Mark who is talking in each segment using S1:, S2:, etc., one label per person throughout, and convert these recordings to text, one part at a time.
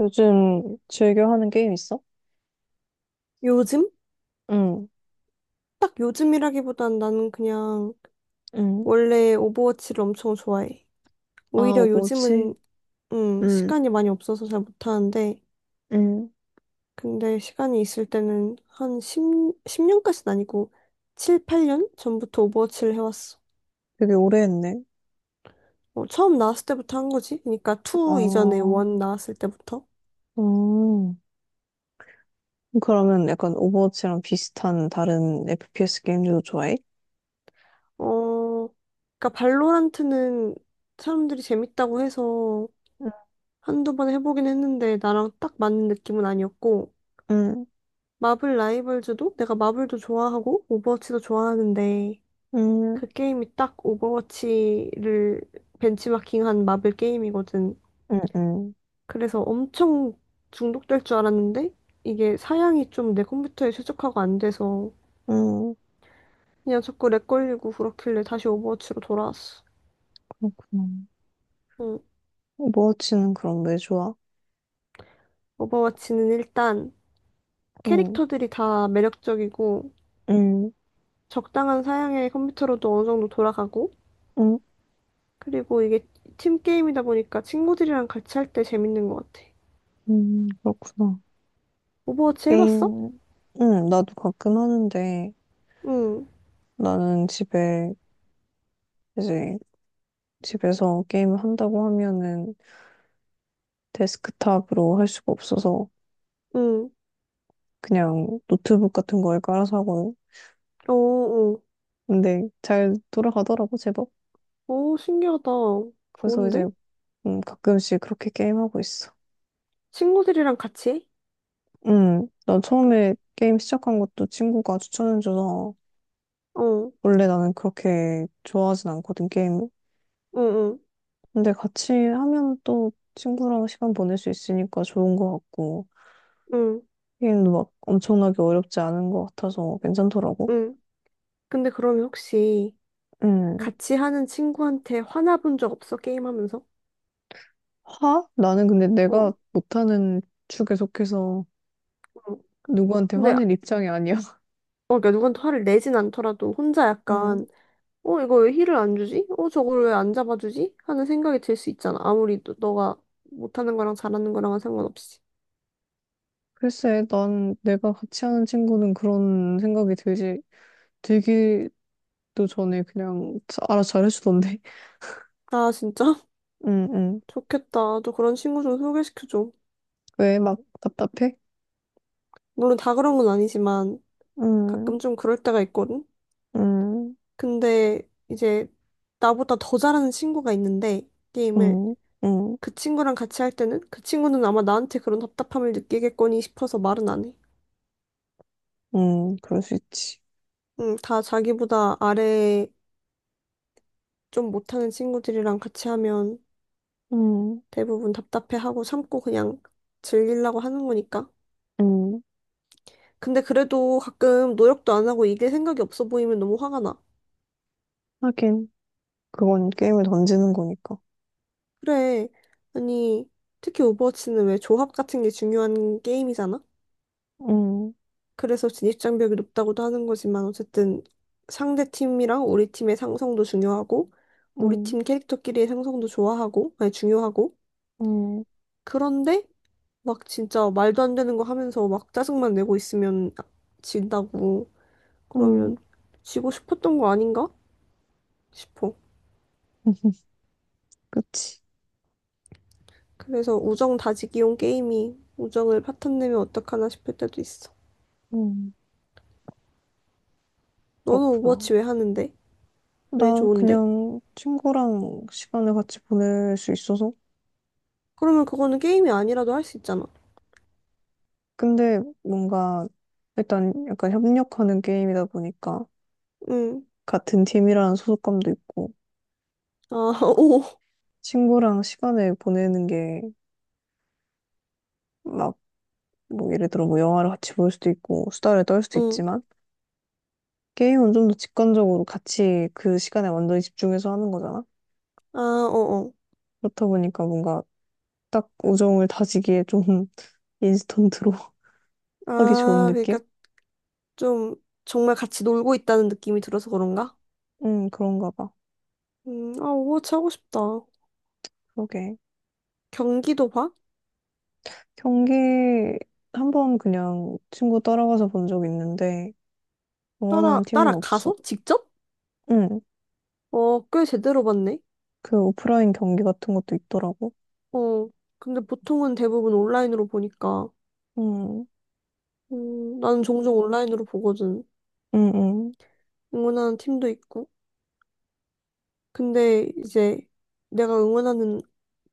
S1: 요즘 즐겨 하는 게임 있어?
S2: 요즘?
S1: 응,
S2: 딱 요즘이라기보단 나는 그냥
S1: 응.
S2: 원래 오버워치를 엄청 좋아해.
S1: 아,
S2: 오히려 요즘은
S1: 뭐지? 응,
S2: 시간이 많이 없어서 잘 못하는데
S1: 응.
S2: 근데 시간이 있을 때는 한 10, 년까지는 아니고 7, 8년 전부터 오버워치를 해왔어.
S1: 되게 오래 했네.
S2: 어, 처음 나왔을 때부터 한 거지. 그러니까 2 이전에
S1: 어,
S2: 1 나왔을 때부터.
S1: 음. 그러면 약간 오버워치랑 비슷한 다른 FPS 게임들도 좋아해?
S2: 어, 그러니까 발로란트는 사람들이 재밌다고 해서 한두 번 해보긴 했는데 나랑 딱 맞는 느낌은 아니었고
S1: 응,
S2: 마블 라이벌즈도 내가 마블도 좋아하고 오버워치도 좋아하는데
S1: 응,
S2: 그 게임이 딱 오버워치를 벤치마킹한 마블 게임이거든.
S1: 응, 응,
S2: 그래서 엄청 중독될 줄 알았는데 이게 사양이 좀 내 컴퓨터에 최적화가 안 돼서
S1: 응.
S2: 그냥 자꾸 렉 걸리고 그렇길래 다시 오버워치로 돌아왔어.
S1: 그렇구나.
S2: 응.
S1: 오버워치는 그럼 왜 좋아?
S2: 오버워치는 일단
S1: 응,
S2: 캐릭터들이 다 매력적이고
S1: 응,
S2: 적당한 사양의 컴퓨터로도 어느 정도 돌아가고
S1: 응,
S2: 그리고 이게 팀 게임이다 보니까 친구들이랑 같이 할 때 재밌는 것 같아.
S1: 응. 그렇구나.
S2: 오버워치 해봤어?
S1: 게임, 응, 나도 가끔 하는데,
S2: 응,
S1: 나는 집에 이제 집에서 게임을 한다고 하면은 데스크탑으로 할 수가 없어서
S2: 응.
S1: 그냥 노트북 같은 거에 깔아서 하고.
S2: 어, 어.
S1: 근데 잘 돌아가더라고 제법.
S2: 오, 신기하다.
S1: 그래서 이제
S2: 좋은데?
S1: 가끔씩 그렇게 게임하고 있어.
S2: 친구들이랑 같이 해?
S1: 난 처음에 게임 시작한 것도 친구가 추천해줘서.
S2: 어,
S1: 원래 나는 그렇게 좋아하진 않거든 게임을.
S2: 응, 응,
S1: 근데 같이 하면 또 친구랑 시간 보낼 수 있으니까 좋은 것 같고.
S2: 응,
S1: 게임도 막 엄청나게 어렵지 않은 것 같아서 괜찮더라고.
S2: 응. 근데 그러면 혹시
S1: 음.
S2: 같이 하는 친구한테 화나본 적 없어? 게임하면서?
S1: 화? 나는 근데
S2: 어, 어.
S1: 내가 못하는 축에 속해서 누구한테
S2: 근데, 어,
S1: 화낼 입장이 아니야.
S2: 그러니까 누구한테 화를 내진 않더라도 혼자
S1: 음.
S2: 약간 어, 이거 왜 힐을 안 주지? 어, 저걸 왜 안 잡아주지? 하는 생각이 들 수 있잖아. 아무리 너가 못하는 거랑 잘하는 거랑은 상관없이.
S1: 글쎄, 난 내가 같이 하는 친구는 그런 생각이 들지, 들기도 전에 그냥 알아서 잘해주던데.
S2: 아, 진짜?
S1: 응, 응.
S2: 좋겠다. 너 그런 친구 좀 소개시켜줘.
S1: 왜 막 답답해?
S2: 물론 다 그런 건 아니지만
S1: 응,
S2: 가끔 좀 그럴 때가 있거든?
S1: 응,
S2: 근데 이제 나보다 더 잘하는 친구가 있는데 게임을
S1: 응, 응,
S2: 그 친구랑 같이 할 때는 그 친구는 아마 나한테 그런 답답함을 느끼겠거니 싶어서 말은 안 해.
S1: 응. 그럴 수 있지.
S2: 응, 다 자기보다 아래 좀 못하는 친구들이랑 같이 하면
S1: 응,
S2: 대부분 답답해하고 참고 그냥 즐기려고 하는 거니까.
S1: 응.
S2: 근데 그래도 가끔 노력도 안 하고 이길 생각이 없어 보이면 너무 화가 나.
S1: 하긴, 그건 게임을 던지는 거니까.
S2: 그래. 아니, 특히 오버워치는 왜 조합 같은 게 중요한 게임이잖아?
S1: 응,
S2: 그래서 진입장벽이 높다고도 하는 거지만 어쨌든 상대 팀이랑 우리 팀의 상성도 중요하고 우리
S1: 응,
S2: 팀 캐릭터끼리의 상성도 좋아하고 아니 중요하고
S1: 응,
S2: 그런데 막 진짜 말도 안 되는 거 하면서 막 짜증만 내고 있으면 진다고. 그러면
S1: 응.
S2: 지고 싶었던 거 아닌가 싶어.
S1: 그치.
S2: 그래서 우정 다지기용 게임이 우정을 파탄 내면 어떡하나 싶을 때도 있어.
S1: 응.
S2: 너는
S1: 그렇구나.
S2: 오버워치 왜 하는데? 왜
S1: 나
S2: 좋은데?
S1: 그냥 친구랑 시간을 같이 보낼 수 있어서.
S2: 그러면 그거는 게임이 아니라도 할 수 있잖아.
S1: 근데 뭔가 일단 약간 협력하는 게임이다 보니까
S2: 응.
S1: 같은 팀이라는 소속감도 있고
S2: 아, 오.
S1: 친구랑 시간을 보내는 게 막 뭐 예를 들어 뭐 영화를 같이 볼 수도 있고 수다를 떨 수도
S2: 응.
S1: 있지만 게임은 좀 더 직관적으로 같이 그 시간에 완전히 집중해서 하는 거잖아.
S2: 아, 어어.
S1: 그렇다 보니까 뭔가 딱 우정을 다지기에 좀 인스턴트로 하기 좋은
S2: 아, 그러니까
S1: 느낌?
S2: 좀 정말 같이 놀고 있다는 느낌이 들어서 그런가?
S1: 그런가 봐.
S2: 아, 오버워치 하고 싶다.
S1: 그러게.
S2: 경기도 봐?
S1: 경기 한 번 그냥 친구 따라가서 본 적 있는데 응원하는 팀은 없어.
S2: 따라가서? 직접?
S1: 응.
S2: 어, 꽤 제대로 봤네.
S1: 그 오프라인 경기 같은 것도 있더라고.
S2: 어, 근데 보통은 대부분 온라인으로 보니까
S1: 응.
S2: 나는 종종 온라인으로 보거든.
S1: 응.
S2: 응원하는 팀도 있고. 근데 이제 내가 응원하는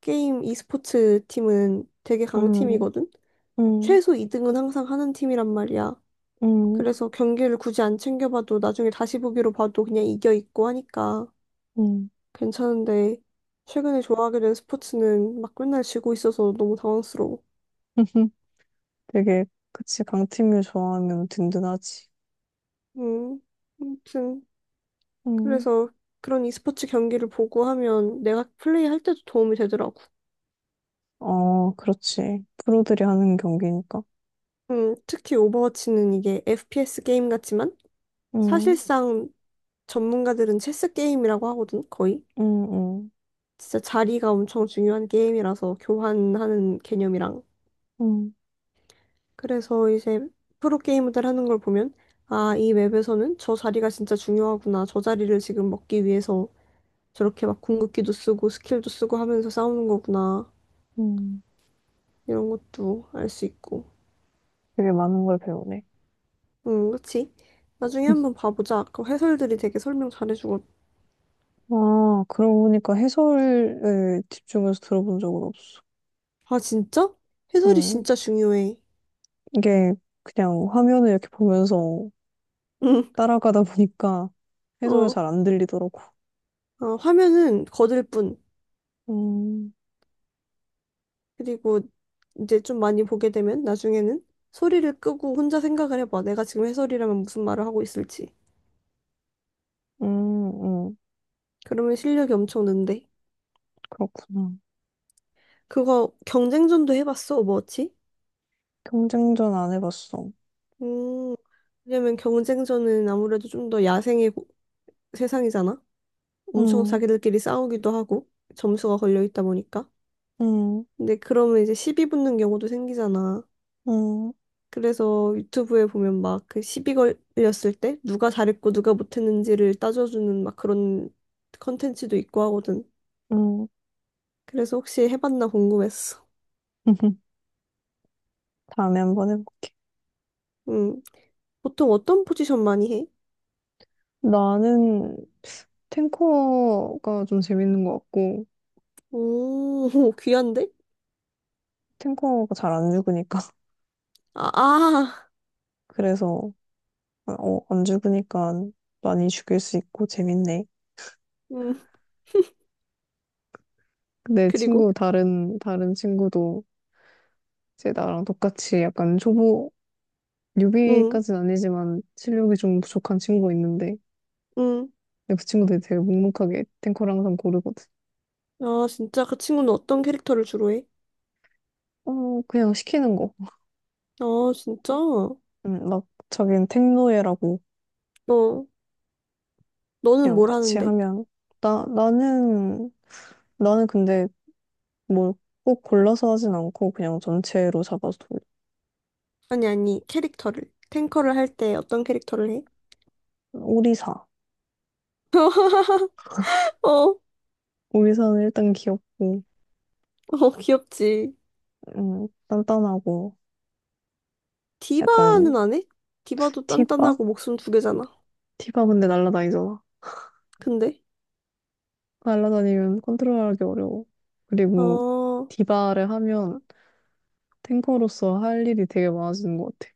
S2: 게임 e스포츠 팀은 되게
S1: 응.
S2: 강팀이거든.
S1: 응.
S2: 최소 2등은 항상 하는 팀이란 말이야.
S1: 응.
S2: 그래서 경기를 굳이 안 챙겨봐도 나중에 다시 보기로 봐도 그냥 이겨 있고 하니까
S1: 응.
S2: 괜찮은데 최근에 좋아하게 된 스포츠는 막 맨날 지고 있어서 너무 당황스러워.
S1: 응. 되게 그치 강팀을 좋아하면 든든하지.
S2: 음, 아무튼
S1: 응.
S2: 그래서 그런 e스포츠 경기를 보고 하면 내가 플레이할 때도 도움이 되더라고.
S1: 어, 그렇지. 프로들이 하는 경기니까.
S2: 특히 오버워치는 이게 FPS 게임 같지만
S1: 응.
S2: 사실상 전문가들은 체스 게임이라고 하거든, 거의.
S1: 응. 응.
S2: 진짜 자리가 엄청 중요한 게임이라서 교환하는 개념이랑.
S1: 응.
S2: 그래서 이제 프로 게이머들 하는 걸 보면 아, 이 맵에서는 저 자리가 진짜 중요하구나. 저 자리를 지금 먹기 위해서 저렇게 막 궁극기도 쓰고 스킬도 쓰고 하면서 싸우는 거구나.
S1: 응.
S2: 이런 것도 알 수 있고.
S1: 되게 많은 걸 배우네.
S2: 응, 그치? 나중에 한번 봐보자. 그 해설들이 되게 설명 잘해주거든.
S1: 아, 그러고 보니까 해설을 집중해서 들어본 적은 없어.
S2: 아, 진짜? 해설이
S1: 음,
S2: 진짜 중요해.
S1: 이게 그냥 화면을 이렇게 보면서
S2: 응,
S1: 따라가다 보니까 해설이
S2: 어.
S1: 잘 안 들리더라고.
S2: 어, 화면은 거들 뿐.
S1: 음,
S2: 그리고 이제 좀 많이 보게 되면 나중에는 소리를 끄고 혼자 생각을 해봐. 내가 지금 해설이라면 무슨 말을 하고 있을지.
S1: 음, 음,
S2: 그러면 실력이 엄청 는데.
S1: 그렇구나.
S2: 그거 경쟁전도 해봤어, 오버워치?
S1: 경쟁전 안 해봤어.
S2: 음, 왜냐면 경쟁전은 아무래도 좀 더 세상이잖아? 엄청
S1: 음,
S2: 자기들끼리 싸우기도 하고 점수가 걸려 있다 보니까.
S1: 음,
S2: 근데 그러면 이제 시비 붙는 경우도 생기잖아.
S1: 음,
S2: 그래서 유튜브에 보면 막 그 시비 걸렸을 때 누가 잘했고 누가 못했는지를 따져주는 막 그런 컨텐츠도 있고 하거든.
S1: 음.
S2: 그래서 혹시 해봤나 궁금했어.
S1: 다음에 한번 해볼게.
S2: 음, 보통 어떤 포지션 많이 해?
S1: 나는 탱커가 좀 재밌는 것 같고,
S2: 오, 귀한데?
S1: 탱커가 잘 안 죽으니까.
S2: 아, 아,
S1: 그래서, 어, 안 죽으니까 많이 죽일 수 있고 재밌네.
S2: 음,
S1: 내
S2: 그리고,
S1: 친구, 다른 친구도 제 나랑 똑같이 약간 초보
S2: 음,
S1: 뉴비까지는 아니지만 실력이 좀 부족한 친구가 있는데
S2: 음.
S1: 근데 그 친구들이 되게 묵묵하게 탱커를 항상 고르거든.
S2: 아, 진짜 그 친구는 어떤 캐릭터를 주로 해?
S1: 어 그냥 시키는 거.
S2: 아, 진짜? 어,
S1: 막 자기는 탱노예라고.
S2: 너는
S1: 그냥
S2: 뭘
S1: 같이
S2: 하는데?
S1: 하면 나 나는 근데 뭐 꼭 골라서 하진 않고 그냥 전체로 잡아서 돌려.
S2: 아니, 아니, 캐릭터를. 탱커를 할 때 어떤 캐릭터를 해?
S1: 오리사.
S2: 어,
S1: 오리사는 일단 귀엽고
S2: 어, 귀엽지.
S1: 단단하고 약간.
S2: 디바는 안 해? 디바도
S1: 티바.
S2: 단단하고 목숨 두 개잖아.
S1: 티바 근데 날라다니잖아.
S2: 근데,
S1: 날라다니면 컨트롤하기 어려워. 그리고
S2: 어,
S1: 디바를 하면 탱커로서 할 일이 되게 많아지는 것 같아.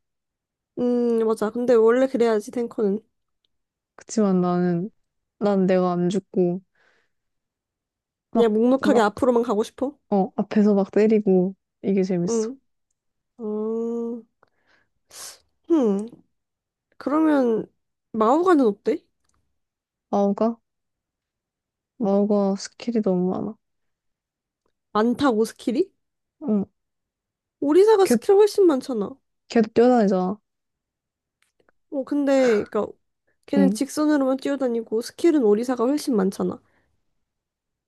S2: 맞아. 근데 원래 그래야지, 탱커는.
S1: 그치만 나는, 난 내가 안 죽고,
S2: 그냥
S1: 막,
S2: 묵묵하게
S1: 막,
S2: 앞으로만 가고 싶어?
S1: 어, 앞에서 막 때리고, 이게 재밌어.
S2: 응. 어, 흠. 그러면, 마오가는 어때?
S1: 마우가? 마우가 스킬이 너무 많아.
S2: 많다고, 스킬이?
S1: 응.
S2: 오리사가
S1: 걔,
S2: 스킬 훨씬 많잖아.
S1: 걔도 뛰어다니잖아.
S2: 어, 근데, 그니까, 걔는
S1: 응.
S2: 직선으로만 뛰어다니고, 스킬은 오리사가 훨씬 많잖아.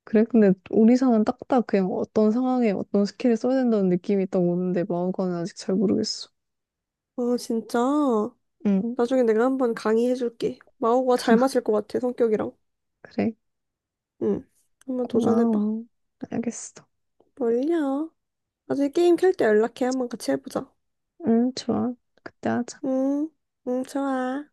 S1: 그래? 근데 우리상은 딱딱 그냥 어떤 상황에 어떤 스킬을 써야 된다는 느낌이 딱 오는데, 마우가는 아직 잘 모르겠어.
S2: 어, 진짜.
S1: 응.
S2: 나중에 내가 한번 강의해줄게. 마오가 잘 맞을 것 같아, 성격이랑.
S1: 그래.
S2: 응. 한번 도전해봐.
S1: 고마워. 알겠어.
S2: 뭘요? 나중에 게임 켤 때 연락해. 한번 같이 해보자.
S1: 응, 좋아. 그때 하자.
S2: 응, 응, 좋아.